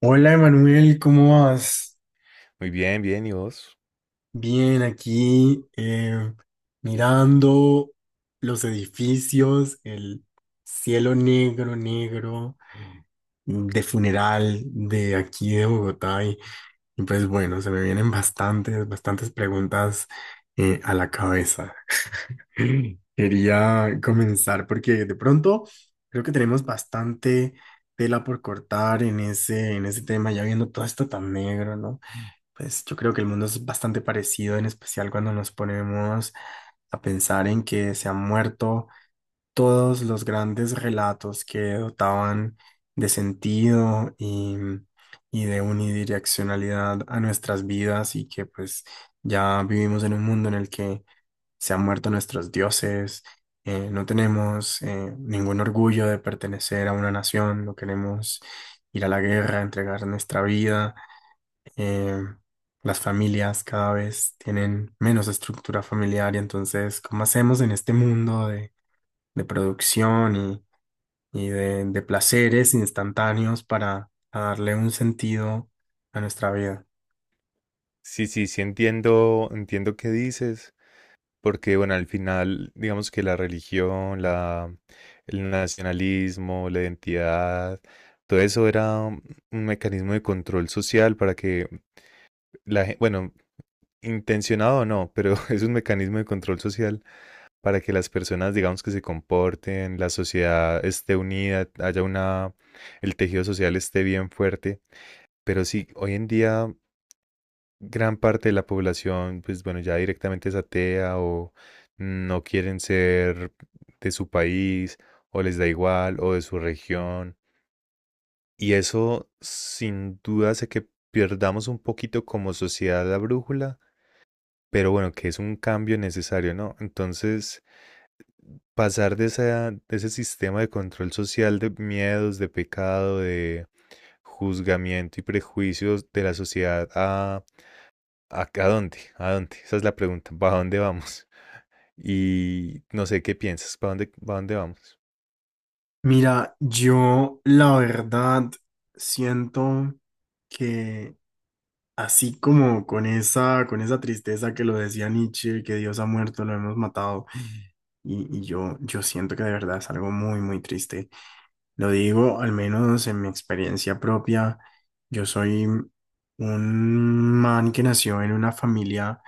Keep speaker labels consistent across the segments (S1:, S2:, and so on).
S1: Hola Emanuel, ¿cómo vas?
S2: Muy bien, bien, ¿y vos?
S1: Bien, aquí, mirando los edificios, el cielo negro, negro, de funeral de aquí de Bogotá y pues bueno, se me vienen bastantes, bastantes preguntas a la cabeza. Quería comenzar porque de pronto creo que tenemos bastante tela por cortar en ese, tema, ya viendo todo esto tan negro, ¿no? Pues yo creo que el mundo es bastante parecido, en especial cuando nos ponemos a pensar en que se han muerto todos los grandes relatos que dotaban de sentido y de unidireccionalidad a nuestras vidas y que pues ya vivimos en un mundo en el que se han muerto nuestros dioses, no tenemos ningún orgullo de pertenecer a una nación, no queremos ir a la guerra, entregar nuestra vida, eh, las familias cada vez tienen menos estructura familiar y entonces, ¿cómo hacemos en este mundo de, producción y de, placeres instantáneos para darle un sentido a nuestra vida?
S2: Sí, sí, sí entiendo qué dices, porque bueno, al final, digamos que la religión, el nacionalismo, la identidad, todo eso era un mecanismo de control social para que la gente, bueno, intencionado o no, pero es un mecanismo de control social para que las personas, digamos que se comporten, la sociedad esté unida, el tejido social esté bien fuerte. Pero sí, hoy en día gran parte de la población, pues bueno, ya directamente es atea o no quieren ser de su país o les da igual o de su región. Y eso sin duda hace que perdamos un poquito como sociedad la brújula, pero bueno, que es un cambio necesario, ¿no? Entonces, pasar de ese sistema de control social de miedos, de pecado, de juzgamiento y prejuicios de la sociedad a ¿A, a dónde? ¿A dónde? Esa es la pregunta. ¿Para dónde vamos? Y no sé qué piensas, ¿para dónde vamos?
S1: Mira, yo la verdad siento que así como con esa, tristeza que lo decía Nietzsche, que Dios ha muerto, lo hemos matado, y yo siento que de verdad es algo muy, muy triste. Lo digo, al menos en mi experiencia propia, yo soy un man que nació en una familia,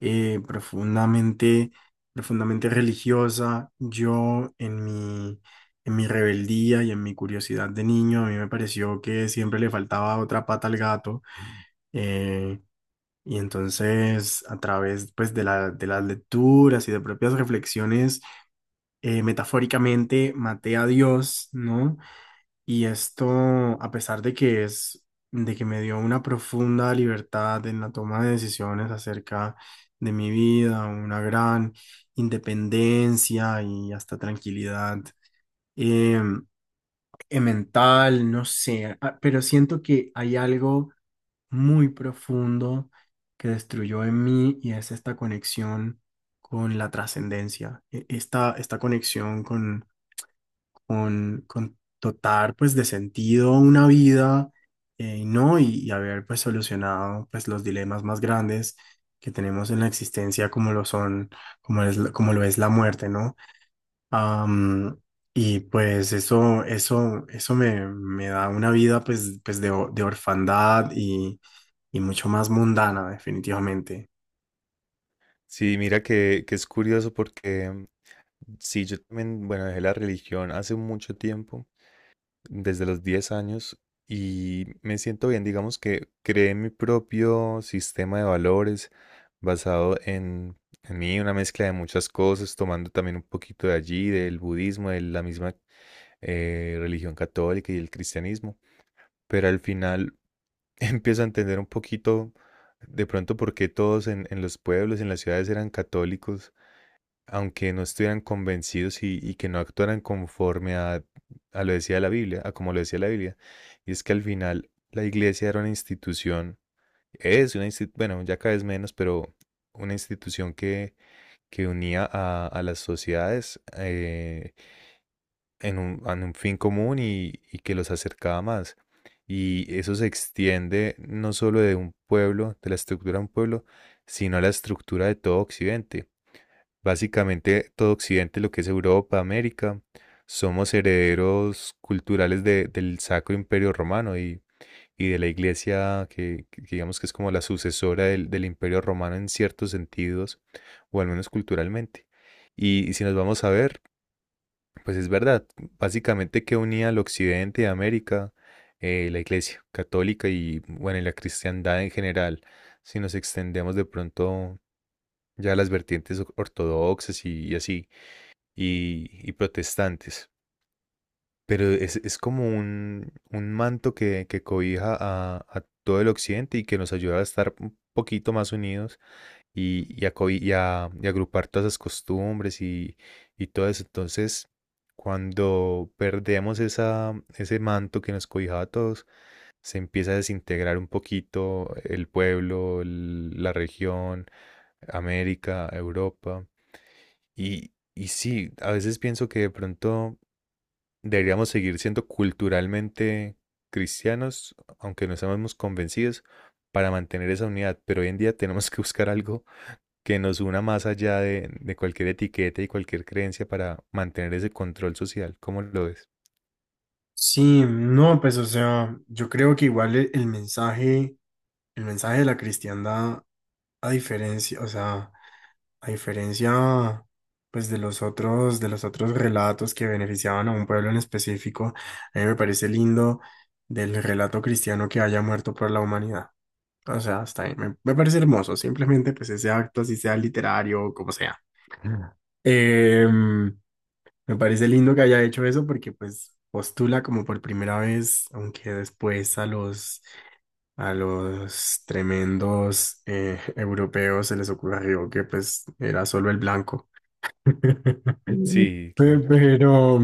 S1: profundamente, profundamente religiosa. Yo en mi, rebeldía y en mi curiosidad de niño, a mí me pareció que siempre le faltaba otra pata al gato. eh, y entonces, a través pues, de la, de las lecturas y de propias reflexiones, metafóricamente maté a Dios, ¿no? Y esto, a pesar de que es, de que me dio una profunda libertad en la toma de decisiones acerca de mi vida, una gran independencia y hasta tranquilidad eh, mental, no sé, pero siento que hay algo muy profundo que destruyó en mí y es esta conexión con la trascendencia, esta conexión con con dotar pues de sentido a una vida, ¿no? Y haber pues solucionado pues los dilemas más grandes que tenemos en la existencia como lo son, como lo es la muerte, ¿no? Am, y pues eso me da una vida pues, de orfandad y mucho más mundana definitivamente.
S2: Sí, mira que es curioso porque sí, yo también, bueno, dejé la religión hace mucho tiempo, desde los 10 años, y me siento bien, digamos que creé mi propio sistema de valores basado en mí, una mezcla de muchas cosas, tomando también un poquito de allí, del budismo, de la misma religión católica y el cristianismo. Pero al final empiezo a entender un poquito de pronto por qué todos en los pueblos, en las ciudades eran católicos, aunque no estuvieran convencidos y que no actuaran conforme a lo decía la Biblia, a como lo decía la Biblia. Y es que al final la iglesia era una institución, es una institución, bueno, ya cada vez menos, pero una institución que unía a las sociedades, en en un fin común y que los acercaba más. Y eso se extiende no solo de un pueblo, de la estructura de un pueblo, sino a la estructura de todo Occidente. Básicamente todo Occidente, lo que es Europa, América, somos herederos culturales del Sacro Imperio Romano y de la Iglesia, que digamos que es como la sucesora del Imperio Romano en ciertos sentidos, o al menos culturalmente. Y si nos vamos a ver, pues es verdad, básicamente que unía al occidente de América la Iglesia católica y bueno, y la cristiandad en general, si nos extendemos de pronto ya a las vertientes ortodoxas y así, y protestantes. Pero es como un manto que cobija a todo el occidente y que nos ayuda a estar un poquito más unidos y a, co- y a- y agrupar todas esas costumbres y todo eso. Entonces, cuando perdemos ese manto que nos cobijaba a todos, se empieza a desintegrar un poquito el pueblo, la región, América, Europa. Y sí, a veces pienso que de pronto deberíamos seguir siendo culturalmente cristianos, aunque no estemos convencidos, para mantener esa unidad. Pero hoy en día tenemos que buscar algo que nos una más allá de cualquier etiqueta y cualquier creencia para mantener ese control social. ¿Cómo lo ves?
S1: Sí, no, pues o sea, yo creo que igual el mensaje. El mensaje de la cristiandad a diferencia, o sea, a diferencia pues de los otros, relatos que beneficiaban a un pueblo en específico, a mí me parece lindo del relato cristiano que haya muerto por la humanidad. O sea, hasta ahí me parece hermoso, simplemente pues ese acto, así sea literario o como sea. Mm. Em, me parece lindo que haya hecho eso porque pues postula como por primera vez, aunque después a los, tremendos, europeos se les ocurrió que pues era solo el blanco. Mm.
S2: Sí,
S1: Pe-
S2: claro.
S1: Pero,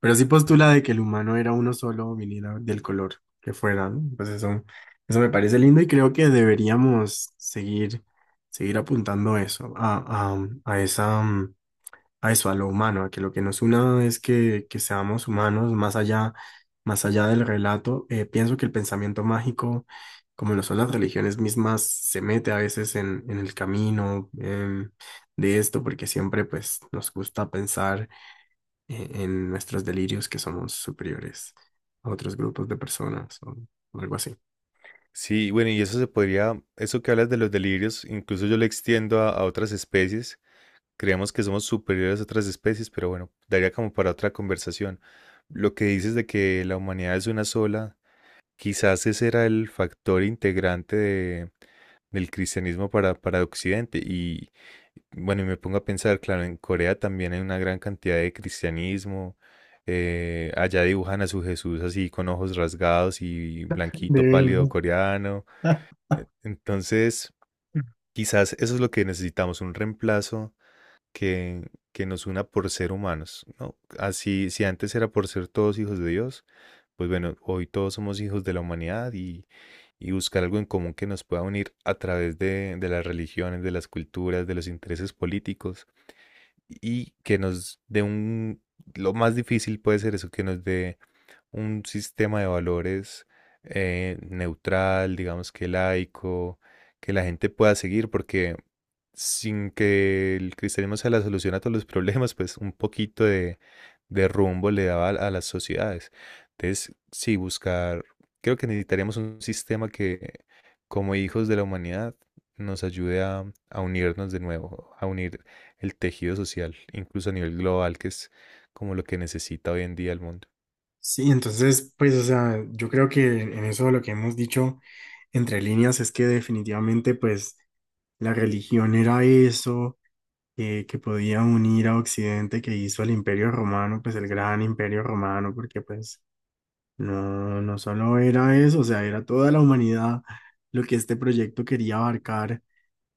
S1: pero sí postula de que el humano era uno solo, viniera del color que fuera, ¿no? Pues eso me parece lindo y creo que deberíamos seguir, apuntando eso, a esa, a eso, a lo humano, a que lo que nos una es que seamos humanos más allá del relato. Pienso que el pensamiento mágico, como lo son las religiones mismas, se mete a veces en, el camino, de esto, porque siempre pues nos gusta pensar, en nuestros delirios que somos superiores a otros grupos de personas o algo así.
S2: Sí, bueno, y eso se podría, eso que hablas de los delirios, incluso yo lo extiendo a otras especies. Creemos que somos superiores a otras especies, pero bueno, daría como para otra conversación. Lo que dices de que la humanidad es una sola, quizás ese era el factor integrante del cristianismo para Occidente. Y bueno, y me pongo a pensar, claro, en Corea también hay una gran cantidad de cristianismo. Allá dibujan a su Jesús así con ojos rasgados y blanquito pálido
S1: Divino.
S2: coreano. Entonces, quizás eso es lo que necesitamos, un reemplazo que nos una por ser humanos, ¿no? Así, si antes era por ser todos hijos de Dios, pues bueno, hoy todos somos hijos de la humanidad y buscar algo en común que nos pueda unir a través de las religiones, de las culturas, de los intereses políticos y que nos dé un... Lo más difícil puede ser eso, que nos dé un sistema de valores neutral, digamos que laico, que la gente pueda seguir, porque sin que el cristianismo sea la solución a todos los problemas, pues un poquito de rumbo le daba a las sociedades. Entonces, sí, buscar, creo que necesitaríamos un sistema que, como hijos de la humanidad, nos ayude a unirnos de nuevo, a unir el tejido social, incluso a nivel global, que es como lo que necesita hoy en día el mundo.
S1: Sí, entonces, pues, o sea, yo creo que en eso lo que hemos dicho entre líneas es que definitivamente, pues, la religión era eso, que podía unir a Occidente, que hizo el Imperio Romano, pues, el gran Imperio Romano, porque, pues, no, no solo era eso, o sea, era toda la humanidad lo que este proyecto quería abarcar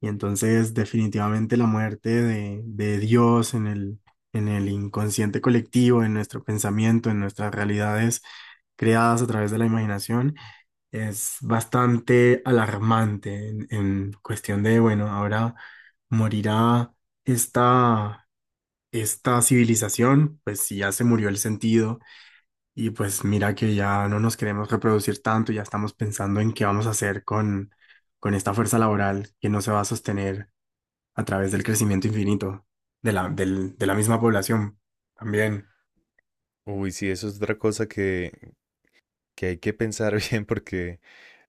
S1: y entonces definitivamente la muerte de, Dios en el, inconsciente colectivo, en nuestro pensamiento, en nuestras realidades creadas a través de la imaginación, es bastante alarmante en, cuestión de, bueno, ahora morirá esta, civilización, pues si ya se murió el sentido y pues mira que ya no nos queremos reproducir tanto, ya estamos pensando en qué vamos a hacer con, esta fuerza laboral que no se va a sostener a través del crecimiento infinito de la, misma población. También.
S2: Uy, sí, eso es otra cosa que hay que pensar bien porque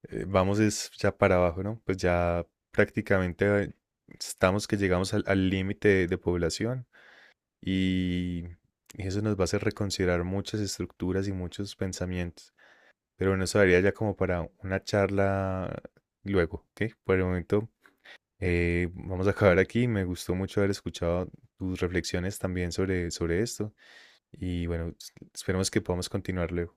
S2: vamos es ya para abajo, ¿no? Pues ya prácticamente estamos que llegamos al límite de población y, y eso nos va a hacer reconsiderar muchas estructuras y muchos pensamientos. Pero bueno, eso daría ya como para una charla luego, ¿ok? Por el momento vamos a acabar aquí. Me gustó mucho haber escuchado tus reflexiones también sobre, sobre esto y bueno, esperemos que podamos continuar luego.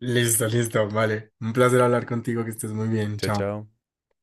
S1: Listo, listo, vale. Un placer hablar contigo, que estés muy bien.
S2: Chao,
S1: Chao.
S2: chao.